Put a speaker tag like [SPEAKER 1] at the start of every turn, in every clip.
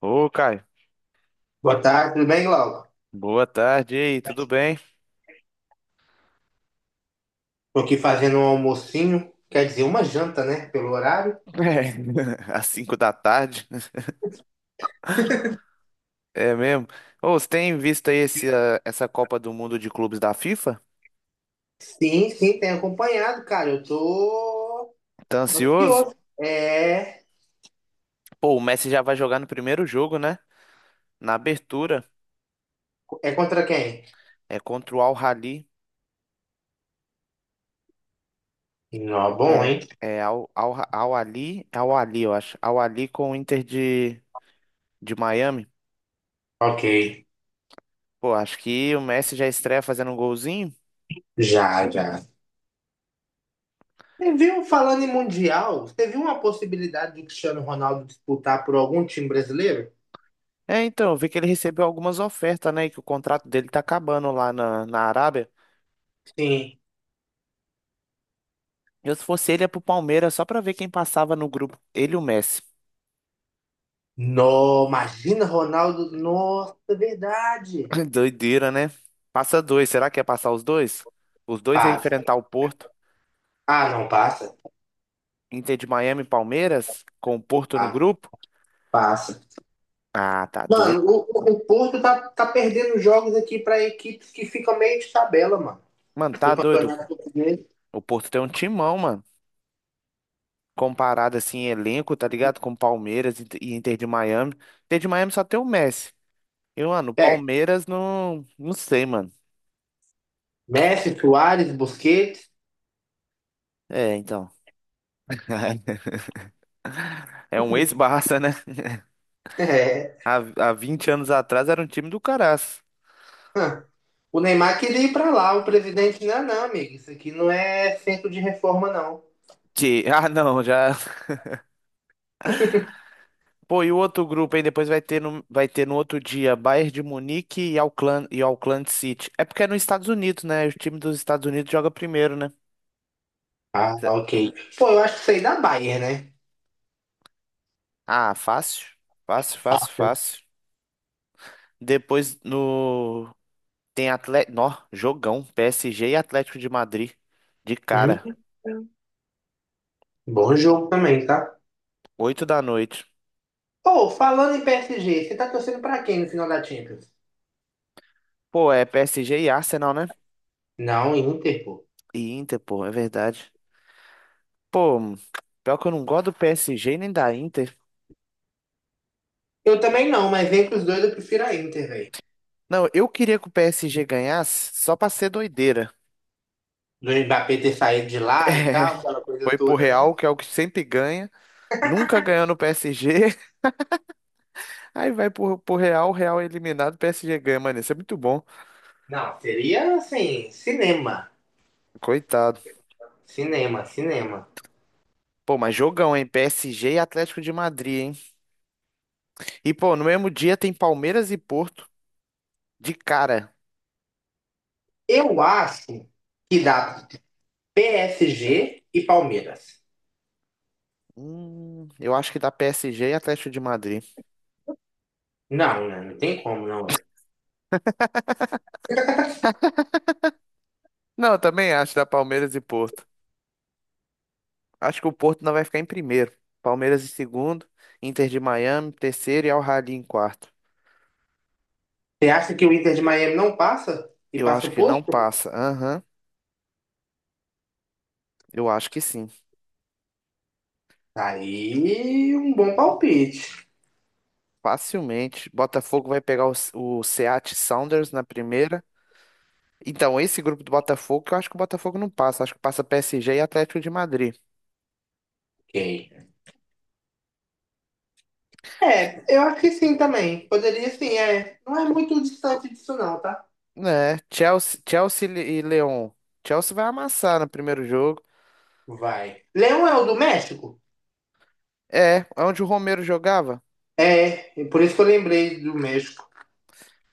[SPEAKER 1] Ô, Caio,
[SPEAKER 2] Boa tarde, tudo bem, Laura?
[SPEAKER 1] boa tarde e aí, tudo bem?
[SPEAKER 2] Tô aqui fazendo um almocinho, quer dizer, uma janta, né? Pelo horário.
[SPEAKER 1] É, às 5 da tarde, é mesmo? Ô, você tem visto aí essa Copa do Mundo de Clubes da FIFA?
[SPEAKER 2] Sim, sim, tem acompanhado, cara. Eu tô
[SPEAKER 1] Tá ansioso?
[SPEAKER 2] ansioso. É,
[SPEAKER 1] Pô, o Messi já vai jogar no primeiro jogo, né? Na abertura,
[SPEAKER 2] é contra quem?
[SPEAKER 1] é contra o Al-Ahly,
[SPEAKER 2] Não, bom,
[SPEAKER 1] é,
[SPEAKER 2] hein?
[SPEAKER 1] Al-Ahly, eu acho, Al-Ahly com o Inter de Miami.
[SPEAKER 2] Ok.
[SPEAKER 1] Pô, acho que o Messi já estreia fazendo um golzinho.
[SPEAKER 2] Já, já. Você viu, falando em Mundial, você viu uma possibilidade do Cristiano Ronaldo disputar por algum time brasileiro?
[SPEAKER 1] É, então, eu vi que ele recebeu algumas ofertas, né? E que o contrato dele tá acabando lá na Arábia.
[SPEAKER 2] Sim.
[SPEAKER 1] Eu, se fosse ele, ia pro Palmeiras só pra ver quem passava no grupo. Ele e o Messi.
[SPEAKER 2] No, imagina Ronaldo. Nossa, é verdade.
[SPEAKER 1] Doideira, né? Passa dois. Será que ia passar os dois? Os dois iam
[SPEAKER 2] Passa.
[SPEAKER 1] enfrentar o Porto.
[SPEAKER 2] Ah, não, passa.
[SPEAKER 1] Inter de Miami e Palmeiras, com o Porto no
[SPEAKER 2] Ah,
[SPEAKER 1] grupo?
[SPEAKER 2] passa.
[SPEAKER 1] Ah, tá doido.
[SPEAKER 2] Mano, o Porto tá perdendo jogos aqui pra equipes que ficam meio de tabela, mano.
[SPEAKER 1] Mano, tá doido.
[SPEAKER 2] Campeonato português.
[SPEAKER 1] O Porto tem um timão, mano. Comparado assim, em elenco, tá ligado? Com Palmeiras e Inter de Miami. Inter de Miami só tem o Messi. E, mano, o
[SPEAKER 2] É,
[SPEAKER 1] Palmeiras não. Não sei, mano.
[SPEAKER 2] Messi, Suárez, Busquets.
[SPEAKER 1] É, então. É um ex-Barça, né?
[SPEAKER 2] É.
[SPEAKER 1] Há, há 20 anos atrás era um time do caraço.
[SPEAKER 2] Hã. O Neymar queria ir pra lá, o presidente, não, não, amigo. Isso aqui não é centro de reforma, não.
[SPEAKER 1] Ah, não, já. Pô, e o outro grupo aí depois vai ter no outro dia Bayern de Munique e Auckland City. É porque é nos Estados Unidos, né? O time dos Estados Unidos joga primeiro, né?
[SPEAKER 2] Ah, ok. Pô, eu acho que isso aí da Bayern, né?
[SPEAKER 1] Ah, fácil. Fácil, fácil, fácil. Depois no tem Atlético, nó, jogão, PSG e Atlético de Madrid de cara,
[SPEAKER 2] Hum, bom jogo também, tá?
[SPEAKER 1] 8 da noite.
[SPEAKER 2] Pô, falando em PSG, você tá torcendo pra quem no final da Champions?
[SPEAKER 1] Pô, é PSG e Arsenal, né?
[SPEAKER 2] Não, Inter, pô.
[SPEAKER 1] E Inter, pô, é verdade. Pô, pior que eu não gosto do PSG nem da Inter.
[SPEAKER 2] Eu também não, mas entre os dois eu prefiro a Inter, velho.
[SPEAKER 1] Não, eu queria que o PSG ganhasse só pra ser doideira.
[SPEAKER 2] Do Mbappé ter saído de lá e tal, aquela coisa
[SPEAKER 1] Foi pro
[SPEAKER 2] toda, né?
[SPEAKER 1] Real, que é o que sempre ganha, nunca ganhou no PSG. Aí vai pro Real, o Real é eliminado, o PSG ganha, mano. Isso é muito bom.
[SPEAKER 2] Não, seria assim, cinema.
[SPEAKER 1] Coitado.
[SPEAKER 2] Cinema, cinema.
[SPEAKER 1] Pô, mas jogão, hein? PSG e Atlético de Madrid, hein? E, pô, no mesmo dia tem Palmeiras e Porto de cara.
[SPEAKER 2] Eu acho que dá PSG e Palmeiras.
[SPEAKER 1] Eu acho que dá PSG e Atlético de Madrid.
[SPEAKER 2] Não, né? Não tem como, não.
[SPEAKER 1] Não, eu também acho da Palmeiras e Porto. Acho que o Porto não vai ficar em primeiro. Palmeiras em segundo, Inter de Miami, em terceiro e Al-Ahly em quarto.
[SPEAKER 2] Você acha que o Inter de Miami não passa? E
[SPEAKER 1] Eu
[SPEAKER 2] passa
[SPEAKER 1] acho
[SPEAKER 2] o
[SPEAKER 1] que não
[SPEAKER 2] posto?
[SPEAKER 1] passa. Aham, eu acho que sim.
[SPEAKER 2] Tá aí um bom palpite.
[SPEAKER 1] Facilmente. Botafogo vai pegar o Seattle Sounders na primeira. Então, esse grupo do Botafogo, eu acho que o Botafogo não passa. Acho que passa PSG e Atlético de Madrid.
[SPEAKER 2] Ok. É, eu acho que sim também. Poderia sim, é. Não é muito distante disso, não, tá?
[SPEAKER 1] Né? Chelsea e Leão. Chelsea vai amassar no primeiro jogo.
[SPEAKER 2] Vai. Leão é o do México?
[SPEAKER 1] É, onde o Romero jogava?
[SPEAKER 2] É, por isso que eu lembrei do México.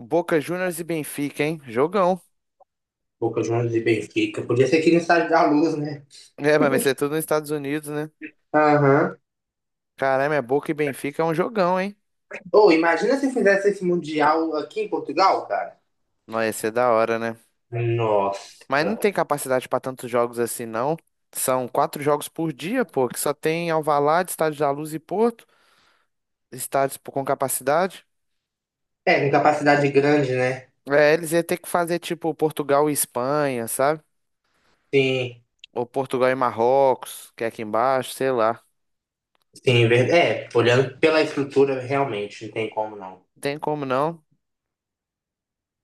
[SPEAKER 1] Boca Juniors e Benfica, hein? Jogão.
[SPEAKER 2] Boca Juniors e Benfica. Podia ser aqui no Estádio da Luz, né?
[SPEAKER 1] É, mas vai ser tudo nos Estados Unidos, né?
[SPEAKER 2] Aham.
[SPEAKER 1] Caramba, é Boca e Benfica é um jogão, hein?
[SPEAKER 2] Ou imagina se fizesse esse Mundial aqui em Portugal, cara.
[SPEAKER 1] Nossa, ia ser da hora, né? Mas
[SPEAKER 2] Nossa.
[SPEAKER 1] não tem capacidade para tantos jogos assim, não. São quatro jogos por dia, pô, que só tem Alvalade, Estádio da Luz e Porto, estádios pô, com capacidade.
[SPEAKER 2] É, com capacidade grande, né?
[SPEAKER 1] É, eles iam ter que fazer tipo Portugal e Espanha, sabe?
[SPEAKER 2] Sim,
[SPEAKER 1] Ou Portugal e Marrocos, que é aqui embaixo, sei lá.
[SPEAKER 2] sim, é, olhando pela estrutura, realmente, não tem como não.
[SPEAKER 1] Não tem como não.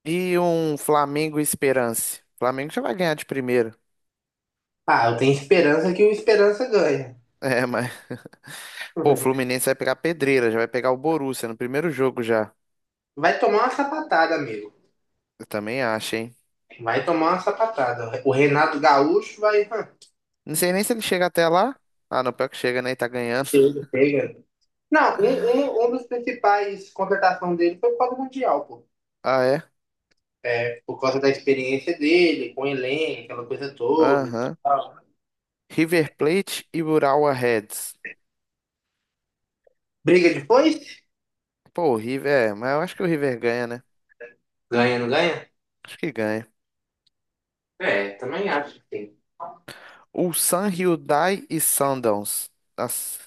[SPEAKER 1] E um Flamengo e Esperance. Flamengo já vai ganhar de primeira.
[SPEAKER 2] Ah, eu tenho esperança que o Esperança ganha.
[SPEAKER 1] É, mas. Pô, o Fluminense vai pegar pedreira, já vai pegar o Borussia no primeiro jogo já.
[SPEAKER 2] Vai tomar uma sapatada, amigo.
[SPEAKER 1] Eu também acho, hein?
[SPEAKER 2] Vai tomar uma sapatada. O Renato Gaúcho vai. Hã,
[SPEAKER 1] Não sei nem se ele chega até lá. Ah, não, pior que chega, né? E tá ganhando.
[SPEAKER 2] chega, chega. Não, um dos principais contratações dele foi o Paulo Mundial, pô.
[SPEAKER 1] Ah, é?
[SPEAKER 2] É, por causa da experiência dele, com o Elen, aquela coisa toda e
[SPEAKER 1] Aham.
[SPEAKER 2] tal.
[SPEAKER 1] River Plate e Urawa Reds.
[SPEAKER 2] Briga depois.
[SPEAKER 1] Pô, o River, é, mas eu acho que o River ganha, né?
[SPEAKER 2] Ganha, não ganha?
[SPEAKER 1] Acho que ganha.
[SPEAKER 2] É, também acho que tem.
[SPEAKER 1] Ulsan Hyundai e Sundowns. Nossa,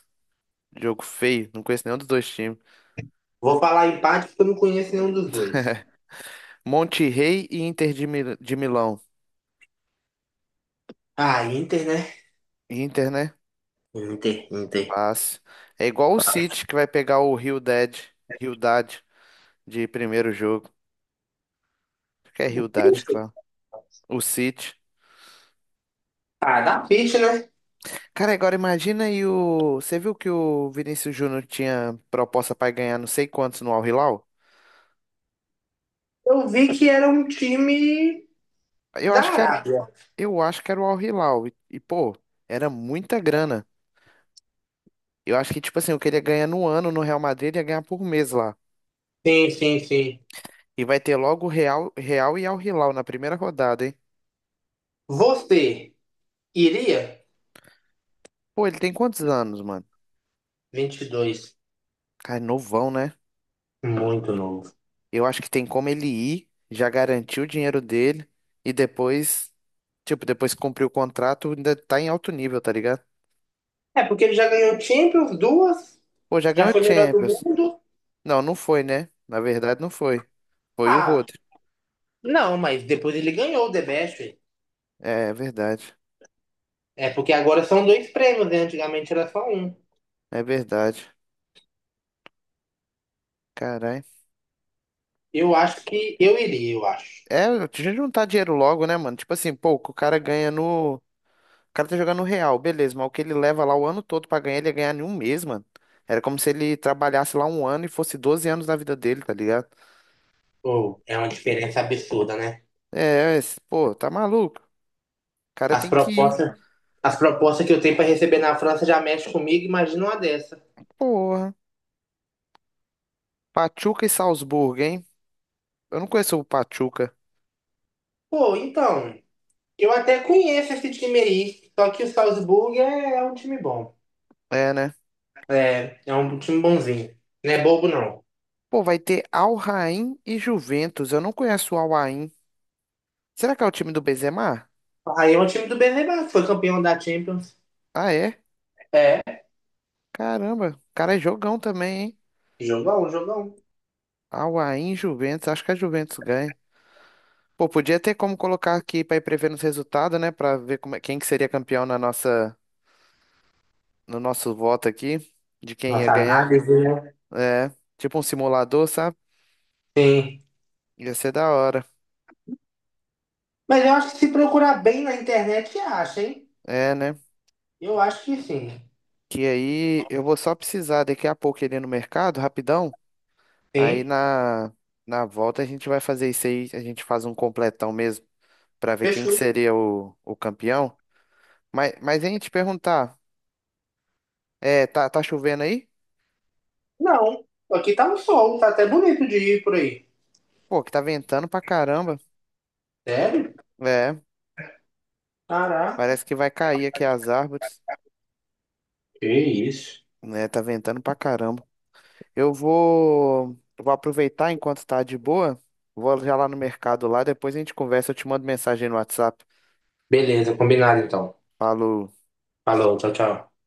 [SPEAKER 1] jogo feio. Não conheço nenhum dos dois times.
[SPEAKER 2] Vou falar empate porque eu não conheço nenhum dos dois.
[SPEAKER 1] Monte Rey e Inter de Milão.
[SPEAKER 2] Ah, Inter, né?
[SPEAKER 1] Inter, né?
[SPEAKER 2] Inter, Inter.
[SPEAKER 1] Fácil. É igual o City que vai pegar o Rio Dead, Rio Hyundai de primeiro jogo. Acho que é Hyundai que fala. O City.
[SPEAKER 2] Ah, dá peixe, né?
[SPEAKER 1] Cara, agora imagina aí o. Você viu que o Vinícius Júnior tinha proposta para ganhar não sei quantos no Al Hilal?
[SPEAKER 2] Eu vi que era um time
[SPEAKER 1] Eu
[SPEAKER 2] da
[SPEAKER 1] acho que era,
[SPEAKER 2] Arábia.
[SPEAKER 1] eu acho que era o Al Hilal. Pô, era muita grana. Eu acho que, tipo assim, o que ele ia ganhar no ano no Real Madrid, ele ia ganhar por mês lá.
[SPEAKER 2] Sim, sim, sim.
[SPEAKER 1] E vai ter logo Real e Al Hilal na primeira rodada, hein?
[SPEAKER 2] Você iria?
[SPEAKER 1] Pô, ele tem quantos anos, mano?
[SPEAKER 2] 22.
[SPEAKER 1] Cara, novão, né?
[SPEAKER 2] Muito novo.
[SPEAKER 1] Eu acho que tem como ele ir, já garantir o dinheiro dele e depois, tipo, depois que cumprir o contrato, ainda tá em alto nível, tá ligado?
[SPEAKER 2] É, porque ele já ganhou Champions, duas,
[SPEAKER 1] Pô, já
[SPEAKER 2] já
[SPEAKER 1] ganhou
[SPEAKER 2] foi melhor do
[SPEAKER 1] Champions.
[SPEAKER 2] mundo.
[SPEAKER 1] Não, não foi, né? Na verdade, não foi. Foi o
[SPEAKER 2] Ah,
[SPEAKER 1] Rodri.
[SPEAKER 2] não, mas depois ele ganhou o The Best, velho.
[SPEAKER 1] É, é verdade.
[SPEAKER 2] É porque agora são dois prêmios, né? Antigamente era só um.
[SPEAKER 1] É verdade. Caralho.
[SPEAKER 2] Eu acho que eu iria, eu acho.
[SPEAKER 1] É, a gente juntar dinheiro logo, né, mano? Tipo assim, pô, o cara ganha no. O cara tá jogando no Real, beleza, mas o que ele leva lá o ano todo pra ganhar, ele ia ganhar em um mês, mano. Era como se ele trabalhasse lá um ano e fosse 12 anos da vida dele, tá ligado?
[SPEAKER 2] Ou é uma diferença absurda, né?
[SPEAKER 1] É, pô, tá maluco. O cara
[SPEAKER 2] As
[SPEAKER 1] tem que ir.
[SPEAKER 2] propostas, as propostas que eu tenho para receber na França já mexem comigo, imagina uma dessa.
[SPEAKER 1] Porra. Pachuca e Salzburgo, hein? Eu não conheço o Pachuca.
[SPEAKER 2] Pô, então, eu até conheço esse time aí, só que o Salzburg é um time bom.
[SPEAKER 1] É, né?
[SPEAKER 2] É, é um time bonzinho. Não é bobo, não.
[SPEAKER 1] Pô, vai ter Al Rain e Juventus. Eu não conheço o Al Rain. Será que é o time do Benzema?
[SPEAKER 2] Aí é um time do Benzema, que foi campeão da Champions.
[SPEAKER 1] Ah, é?
[SPEAKER 2] É,
[SPEAKER 1] Caramba, o cara é jogão também, hein?
[SPEAKER 2] jogão, jogão.
[SPEAKER 1] Al Rain, Juventus. Acho que a Juventus ganha. Pô, podia ter como colocar aqui pra ir prevendo os resultados, né? Pra ver quem que seria campeão no nosso voto aqui, de quem ia
[SPEAKER 2] Nossa
[SPEAKER 1] ganhar.
[SPEAKER 2] análise, né?
[SPEAKER 1] É, tipo um simulador, sabe?
[SPEAKER 2] Sim.
[SPEAKER 1] Ia ser da hora.
[SPEAKER 2] Mas eu acho que se procurar bem na internet, acha, hein?
[SPEAKER 1] É, né?
[SPEAKER 2] Eu acho que sim.
[SPEAKER 1] Que aí eu vou só precisar daqui a pouco ele ir no mercado, rapidão. Aí
[SPEAKER 2] Sim.
[SPEAKER 1] na, na volta a gente vai fazer isso aí, a gente faz um completão mesmo pra ver quem que
[SPEAKER 2] Fechou.
[SPEAKER 1] seria o campeão. Mas hein, te perguntar, é, tá chovendo aí?
[SPEAKER 2] Não. Aqui tá um sol, tá até bonito de ir por aí.
[SPEAKER 1] Pô, que tá ventando pra caramba.
[SPEAKER 2] Sério?
[SPEAKER 1] É,
[SPEAKER 2] Caraca.
[SPEAKER 1] parece que vai cair aqui as árvores,
[SPEAKER 2] Que isso.
[SPEAKER 1] né? Tá ventando pra caramba. Eu vou aproveitar enquanto tá de boa, vou já lá no mercado lá, depois a gente conversa, eu te mando mensagem no WhatsApp.
[SPEAKER 2] Beleza, combinado então.
[SPEAKER 1] Falou.
[SPEAKER 2] Falou, tchau, tchau.